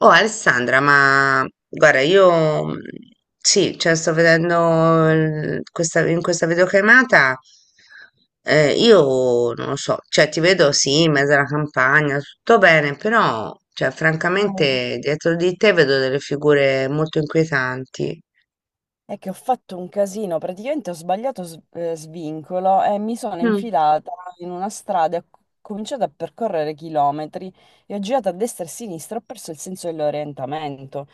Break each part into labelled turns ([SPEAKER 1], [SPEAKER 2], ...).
[SPEAKER 1] Oh Alessandra, ma guarda, io sì, cioè sto vedendo questa, in questa videochiamata, io non lo so, cioè ti vedo sì, in mezzo alla campagna, tutto bene, però cioè,
[SPEAKER 2] No,
[SPEAKER 1] francamente dietro di te vedo delle figure molto inquietanti.
[SPEAKER 2] è che ho fatto un casino, praticamente ho sbagliato svincolo e mi sono
[SPEAKER 1] Mm,
[SPEAKER 2] infilata in una strada, e ho cominciato a percorrere chilometri e ho girato a destra e a sinistra, ho perso il senso dell'orientamento.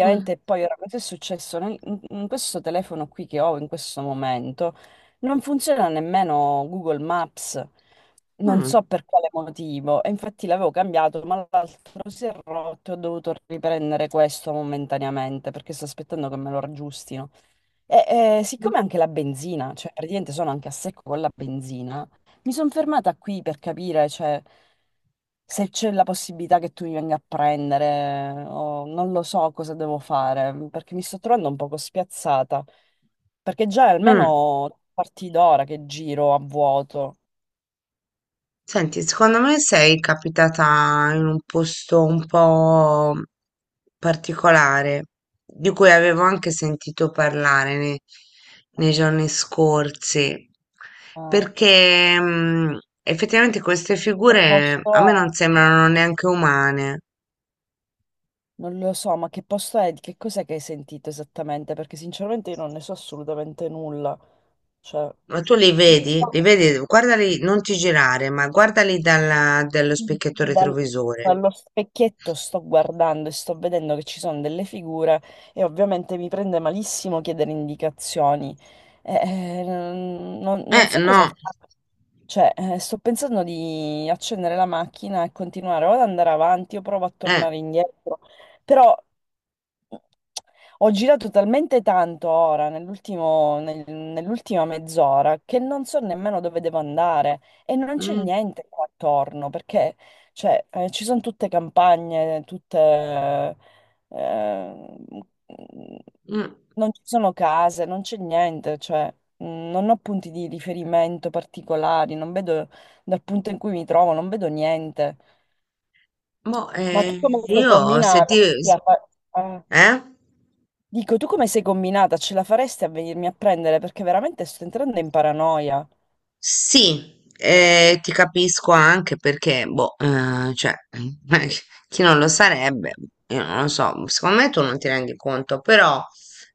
[SPEAKER 1] mm,
[SPEAKER 2] poi ora cosa è successo in questo telefono qui che ho in questo momento? Non funziona nemmeno Google Maps, non so
[SPEAKER 1] mm,
[SPEAKER 2] per quale motivo. E infatti l'avevo cambiato, ma l'altro si è rotto e ho dovuto riprendere questo momentaneamente perché sto aspettando che me lo raggiustino. Siccome anche la benzina, cioè praticamente sono anche a secco con la benzina, mi sono fermata qui per capire, cioè, se c'è la possibilità che tu mi venga a prendere, o non lo so cosa devo fare, perché mi sto trovando un poco spiazzata, perché già è
[SPEAKER 1] mm.
[SPEAKER 2] almeno tre quarti d'ora che giro a vuoto.
[SPEAKER 1] Senti, secondo me sei capitata in un posto un po' particolare, di cui avevo anche sentito parlare nei giorni scorsi,
[SPEAKER 2] Ma
[SPEAKER 1] perché effettivamente queste
[SPEAKER 2] che
[SPEAKER 1] figure
[SPEAKER 2] posto
[SPEAKER 1] a me
[SPEAKER 2] è?
[SPEAKER 1] non sembrano neanche umane,
[SPEAKER 2] Non lo so, ma che posto è? Di Che cos'è che hai sentito esattamente? Perché sinceramente io non ne so assolutamente nulla. Cioè,
[SPEAKER 1] ma tu li vedi, guardali, non ti girare, ma guardali dallo
[SPEAKER 2] sì,
[SPEAKER 1] specchietto retrovisore.
[SPEAKER 2] Dallo specchietto sto guardando e sto vedendo che ci sono delle figure e ovviamente mi prende malissimo chiedere indicazioni. Non so cosa
[SPEAKER 1] No,
[SPEAKER 2] fare. Cioè, sto pensando di accendere la macchina e continuare o ad andare avanti o provo a
[SPEAKER 1] eh.
[SPEAKER 2] tornare indietro. Però ho girato talmente tanto ora, nell'ultima mezz'ora, che non so nemmeno dove devo andare e non c'è
[SPEAKER 1] Mm,
[SPEAKER 2] niente qua attorno, perché cioè, ci sono tutte campagne, eh,
[SPEAKER 1] mm.
[SPEAKER 2] non ci sono case, non c'è niente, cioè, non ho punti di riferimento particolari, non vedo dal punto in cui mi trovo, non vedo niente.
[SPEAKER 1] Boh,
[SPEAKER 2] Ma tu come stai
[SPEAKER 1] io se ti...
[SPEAKER 2] combinando?
[SPEAKER 1] s- Eh?
[SPEAKER 2] Dico, tu come sei combinata? Ce la faresti a venirmi a prendere? Perché veramente sto entrando in paranoia.
[SPEAKER 1] Sì, ti capisco anche perché, boh, cioè, chi non lo sarebbe, io non lo so, secondo me tu non ti rendi conto, però,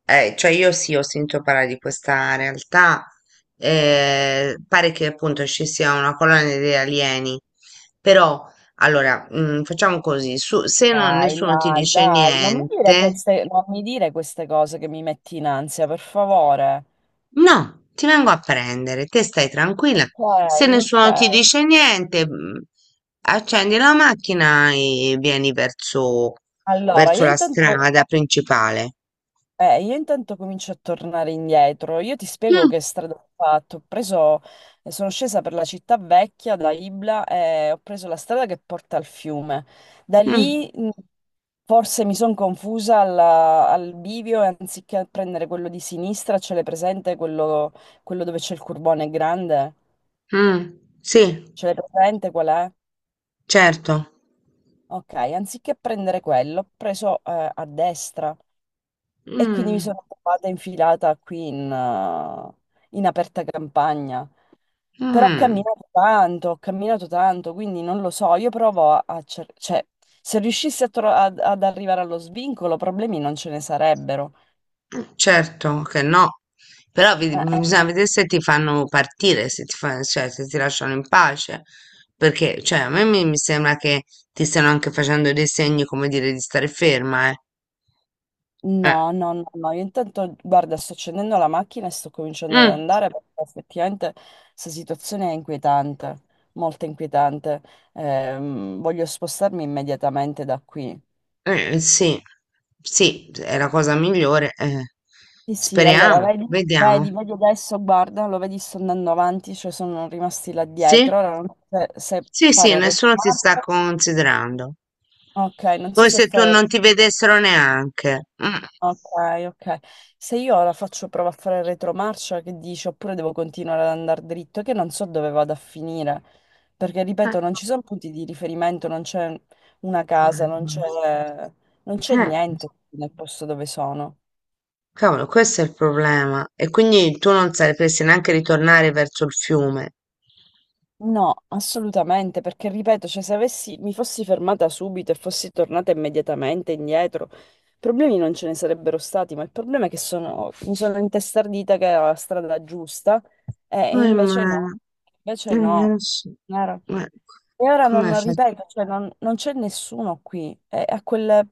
[SPEAKER 1] cioè io sì, ho sentito parlare di questa realtà, pare che appunto ci sia una colonia di alieni, però, allora, facciamo così, su- se non-
[SPEAKER 2] Dai,
[SPEAKER 1] nessuno ti
[SPEAKER 2] dai,
[SPEAKER 1] dice
[SPEAKER 2] dai, non mi dire
[SPEAKER 1] niente...
[SPEAKER 2] queste, non mi dire queste cose che mi metti in ansia, per favore.
[SPEAKER 1] No, ti vengo a prendere, te stai tranquilla.
[SPEAKER 2] Ok,
[SPEAKER 1] Se
[SPEAKER 2] ok.
[SPEAKER 1] nessuno ti dice niente, accendi la macchina e
[SPEAKER 2] Allora,
[SPEAKER 1] verso la strada principale.
[SPEAKER 2] Io intanto comincio a tornare indietro. Io ti spiego
[SPEAKER 1] Mm,
[SPEAKER 2] che strada ho fatto. Ho preso, sono scesa per la città vecchia da Ibla e ho preso la strada che porta al fiume. Da
[SPEAKER 1] mm,
[SPEAKER 2] lì forse mi sono confusa al bivio e anziché prendere quello di sinistra, ce l'hai presente quello, quello dove c'è il curbone grande?
[SPEAKER 1] mm, sì,
[SPEAKER 2] Ce l'hai presente qual è?
[SPEAKER 1] certo.
[SPEAKER 2] Ok, anziché prendere quello, ho preso a destra. E quindi mi
[SPEAKER 1] Mm,
[SPEAKER 2] sono trovata infilata qui in aperta campagna. Però
[SPEAKER 1] mm,
[SPEAKER 2] ho camminato tanto, quindi non lo so, io provo a cioè, se riuscissi a ad arrivare allo svincolo, problemi non ce ne sarebbero.
[SPEAKER 1] certo che no. Però
[SPEAKER 2] Eh, eh,
[SPEAKER 1] bisogna
[SPEAKER 2] eh.
[SPEAKER 1] vedere se ti fanno partire, se ti fa- cioè, se ti lasciano in pace. Perché, cioè, a me mi sembra che ti stiano anche facendo dei segni, come dire, di stare ferma, eh. Eh,
[SPEAKER 2] No, no, no, no, io intanto, guarda, sto accendendo la macchina e sto cominciando ad
[SPEAKER 1] mh,
[SPEAKER 2] andare perché effettivamente questa situazione è inquietante, molto inquietante. Voglio spostarmi immediatamente da qui.
[SPEAKER 1] sì, sì, è la cosa migliore. Eh.
[SPEAKER 2] Sì, sì, allora
[SPEAKER 1] Speriamo,
[SPEAKER 2] vedi,
[SPEAKER 1] vediamo.
[SPEAKER 2] vedi, vedi adesso, guarda, lo vedi, sto andando avanti, cioè sono rimasti là
[SPEAKER 1] Sì?
[SPEAKER 2] dietro, ora non so se, se
[SPEAKER 1] Sì, sì,
[SPEAKER 2] fare il
[SPEAKER 1] nessuno ti sta
[SPEAKER 2] retromarcia,
[SPEAKER 1] considerando.
[SPEAKER 2] ok, non so
[SPEAKER 1] Poi
[SPEAKER 2] se
[SPEAKER 1] se tu
[SPEAKER 2] fare,
[SPEAKER 1] non ti vedessero neanche. Mm.
[SPEAKER 2] ok, ok, se io ora faccio prova a fare il retromarcia, che dici, oppure devo continuare ad andare dritto, che non so dove vado a finire, perché
[SPEAKER 1] Eh,
[SPEAKER 2] ripeto, non ci sono punti di riferimento, non c'è una casa, non c'è
[SPEAKER 1] eh,
[SPEAKER 2] niente nel posto dove sono.
[SPEAKER 1] cavolo, questo è il problema. E quindi tu non sapresti neanche ritornare verso il fiume.
[SPEAKER 2] No, assolutamente, perché ripeto, cioè, se avessi, mi fossi fermata subito e fossi tornata immediatamente indietro, problemi non ce ne sarebbero stati, ma il problema è che sono, mi sono intestardita che era la strada giusta e
[SPEAKER 1] Oh,
[SPEAKER 2] invece
[SPEAKER 1] mano,
[SPEAKER 2] no, invece no.
[SPEAKER 1] lo so.
[SPEAKER 2] Chiaro.
[SPEAKER 1] Ma
[SPEAKER 2] E ora
[SPEAKER 1] come
[SPEAKER 2] non
[SPEAKER 1] fai?
[SPEAKER 2] ripeto, cioè, non c'è nessuno qui, e a quelle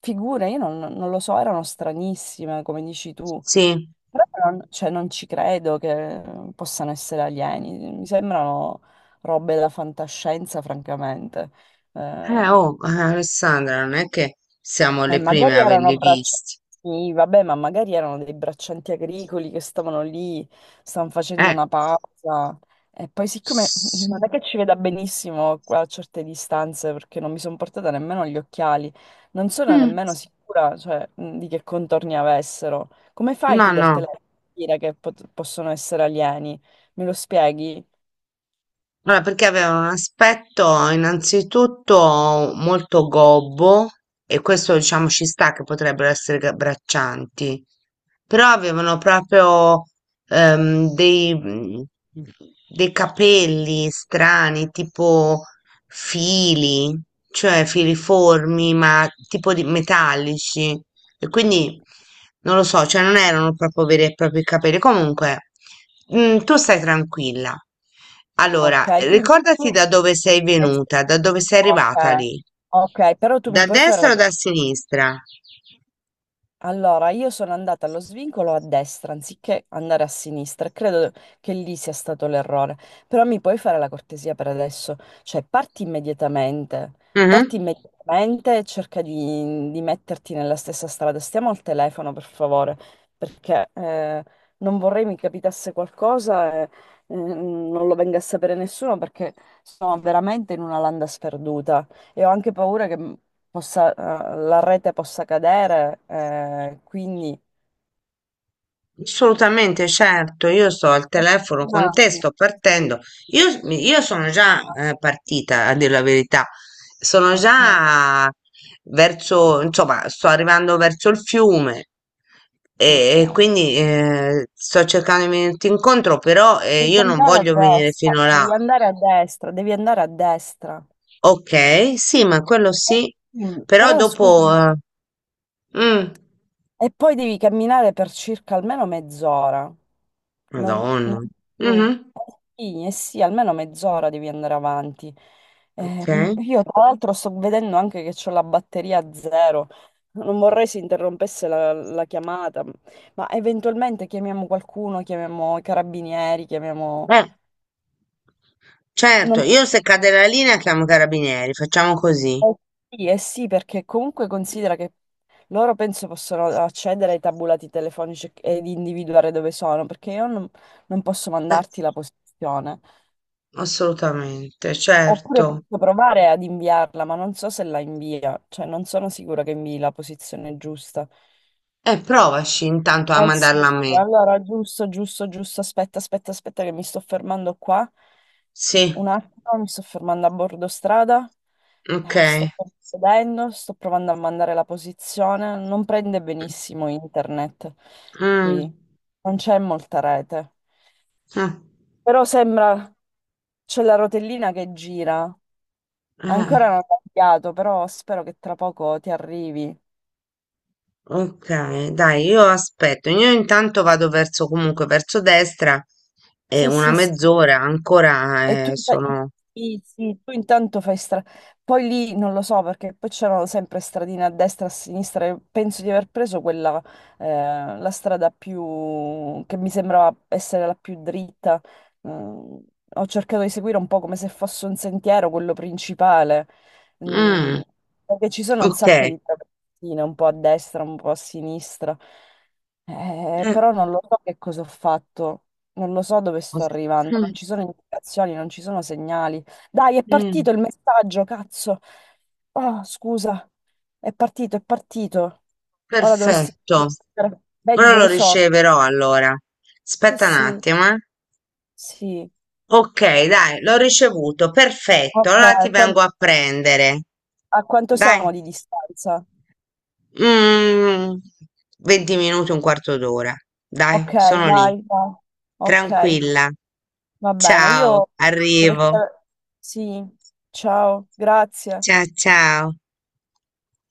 [SPEAKER 2] figure, io non lo so, erano stranissime, come dici tu.
[SPEAKER 1] Sì.
[SPEAKER 2] Però non, cioè, non ci credo che possano essere alieni, mi sembrano robe da fantascienza, francamente. Eh,
[SPEAKER 1] Oh, Alessandra, non è che siamo
[SPEAKER 2] ma
[SPEAKER 1] le prime a
[SPEAKER 2] magari erano
[SPEAKER 1] averli
[SPEAKER 2] braccianti,
[SPEAKER 1] visti.
[SPEAKER 2] sì, vabbè, ma magari erano dei braccianti agricoli che stavano lì, stavano facendo
[SPEAKER 1] Eh,
[SPEAKER 2] una pausa. E poi, siccome non
[SPEAKER 1] sì.
[SPEAKER 2] è che ci veda benissimo qua a certe distanze, perché non mi sono portata nemmeno gli occhiali, non sono
[SPEAKER 1] Mm,
[SPEAKER 2] nemmeno sicura, cioè, di che contorni avessero. Come fai tu
[SPEAKER 1] no,
[SPEAKER 2] dal
[SPEAKER 1] no.
[SPEAKER 2] telefono a dire che possono essere alieni? Me lo spieghi?
[SPEAKER 1] Allora, perché aveva un aspetto innanzitutto molto gobbo e questo diciamo ci sta che potrebbero essere braccianti, però avevano proprio ehm, dei, mm, dei capelli strani, tipo fili, cioè filiformi, ma tipo di metallici. E quindi non lo so, cioè non erano proprio veri e propri capelli. Comunque, tu stai tranquilla.
[SPEAKER 2] Ok,
[SPEAKER 1] Allora,
[SPEAKER 2] quindi tu...
[SPEAKER 1] ricordati da dove sei venuta, da dove sei
[SPEAKER 2] Ok,
[SPEAKER 1] arrivata lì.
[SPEAKER 2] ok, però tu
[SPEAKER 1] Da
[SPEAKER 2] mi puoi fare la
[SPEAKER 1] destra o da sinistra?
[SPEAKER 2] Allora, io sono andata allo svincolo a destra anziché andare a sinistra. Credo che lì sia stato l'errore. Però mi puoi fare la cortesia per adesso? Cioè, parti immediatamente. Parti
[SPEAKER 1] Mhm.
[SPEAKER 2] immediatamente e cerca di metterti nella stessa strada. Stiamo al telefono, per favore, perché non vorrei mi capitasse qualcosa e non lo venga a sapere nessuno perché sono veramente in una landa sperduta e ho anche paura che la rete possa cadere, quindi...
[SPEAKER 1] Assolutamente, certo, io sto al telefono con
[SPEAKER 2] Ah,
[SPEAKER 1] te,
[SPEAKER 2] sì,
[SPEAKER 1] sto
[SPEAKER 2] sì,
[SPEAKER 1] partendo.
[SPEAKER 2] sì.
[SPEAKER 1] Io sono già partita, a dire la verità. Sono
[SPEAKER 2] Ok,
[SPEAKER 1] già verso, insomma, sto arrivando verso il fiume e
[SPEAKER 2] ok.
[SPEAKER 1] quindi sto cercando di venirti incontro, però
[SPEAKER 2] Devi
[SPEAKER 1] io non
[SPEAKER 2] andare a
[SPEAKER 1] voglio venire
[SPEAKER 2] destra,
[SPEAKER 1] fino là.
[SPEAKER 2] devi andare a destra, devi andare a destra.
[SPEAKER 1] Ok, sì, ma quello
[SPEAKER 2] Eh,
[SPEAKER 1] sì,
[SPEAKER 2] Sì,
[SPEAKER 1] però
[SPEAKER 2] però scusa.
[SPEAKER 1] dopo... mm,
[SPEAKER 2] E poi devi camminare per circa almeno mezz'ora. Non, non
[SPEAKER 1] Madonna.
[SPEAKER 2] più.
[SPEAKER 1] Mhm,
[SPEAKER 2] Eh, sì, eh sì, almeno mezz'ora devi andare avanti.
[SPEAKER 1] ok.
[SPEAKER 2] Io tra l'altro sto vedendo anche che ho la batteria a zero. Non vorrei si interrompesse la chiamata, ma eventualmente chiamiamo qualcuno, chiamiamo i carabinieri, chiamiamo...
[SPEAKER 1] Eh, certo,
[SPEAKER 2] non-
[SPEAKER 1] io se cade la linea chiamo i carabinieri, facciamo così.
[SPEAKER 2] Eh sì, eh sì, perché comunque considera che loro penso possono accedere ai tabulati telefonici ed individuare dove sono, perché io non posso
[SPEAKER 1] Eh,
[SPEAKER 2] mandarti la posizione.
[SPEAKER 1] assolutamente,
[SPEAKER 2] Oppure
[SPEAKER 1] certo.
[SPEAKER 2] posso provare ad inviarla, ma non so se la invia, cioè non sono sicura che invii la posizione giusta.
[SPEAKER 1] E provaci intanto a
[SPEAKER 2] Eh sì,
[SPEAKER 1] mandarla a
[SPEAKER 2] sì,
[SPEAKER 1] me.
[SPEAKER 2] allora giusto, giusto, giusto, aspetta, aspetta, aspetta che mi sto fermando qua.
[SPEAKER 1] Sì,
[SPEAKER 2] Un attimo, mi sto fermando a bordo strada,
[SPEAKER 1] ok.
[SPEAKER 2] Sto vedendo, sto provando a mandare la posizione, non prende benissimo internet qui,
[SPEAKER 1] Mm,
[SPEAKER 2] non c'è molta rete,
[SPEAKER 1] eh,
[SPEAKER 2] però sembra c'è la rotellina che gira,
[SPEAKER 1] eh,
[SPEAKER 2] ancora non ho cambiato, però spero che tra poco ti arrivi.
[SPEAKER 1] ok, dai, io aspetto. Io intanto vado verso comunque verso destra e
[SPEAKER 2] Sì,
[SPEAKER 1] una
[SPEAKER 2] sì, sì.
[SPEAKER 1] mezz'ora
[SPEAKER 2] E
[SPEAKER 1] ancora
[SPEAKER 2] tu,
[SPEAKER 1] sono.
[SPEAKER 2] sì, sì, tu intanto fai strada. Poi lì non lo so perché poi c'erano sempre stradine a destra e a sinistra. Penso di aver preso quella, la strada più che mi sembrava essere la più dritta. Mm, ho cercato di seguire un po' come se fosse un sentiero, quello principale. Mm,
[SPEAKER 1] Mm,
[SPEAKER 2] perché ci sono un
[SPEAKER 1] ok.
[SPEAKER 2] sacco di travertine, un po' a destra, un po' a sinistra. Però non lo so che cosa ho fatto. Non lo so dove sto
[SPEAKER 1] Os-
[SPEAKER 2] arrivando, non
[SPEAKER 1] mm,
[SPEAKER 2] ci sono indicazioni, non ci sono segnali. Dai, è
[SPEAKER 1] mm.
[SPEAKER 2] partito il messaggio, cazzo. Oh, scusa, è partito, è partito. Ora dovresti...
[SPEAKER 1] Perfetto.
[SPEAKER 2] Vedi
[SPEAKER 1] Ora lo
[SPEAKER 2] dove sono?
[SPEAKER 1] riceverò allora.
[SPEAKER 2] Sì,
[SPEAKER 1] Aspetta un
[SPEAKER 2] sì,
[SPEAKER 1] attimo, eh.
[SPEAKER 2] sì.
[SPEAKER 1] Ok, dai, l'ho ricevuto. Perfetto.
[SPEAKER 2] Ok,
[SPEAKER 1] Allora ti
[SPEAKER 2] qua-
[SPEAKER 1] vengo a prendere.
[SPEAKER 2] a quanto
[SPEAKER 1] Dai.
[SPEAKER 2] siamo di distanza?
[SPEAKER 1] Mm, 20 minuti, un quarto d'ora. Dai,
[SPEAKER 2] Ok, dai,
[SPEAKER 1] sono lì.
[SPEAKER 2] dai. Ok,
[SPEAKER 1] Tranquilla.
[SPEAKER 2] va bene.
[SPEAKER 1] Ciao,
[SPEAKER 2] Io dove...
[SPEAKER 1] arrivo.
[SPEAKER 2] Sì, ciao, grazie.
[SPEAKER 1] Ciao, ciao.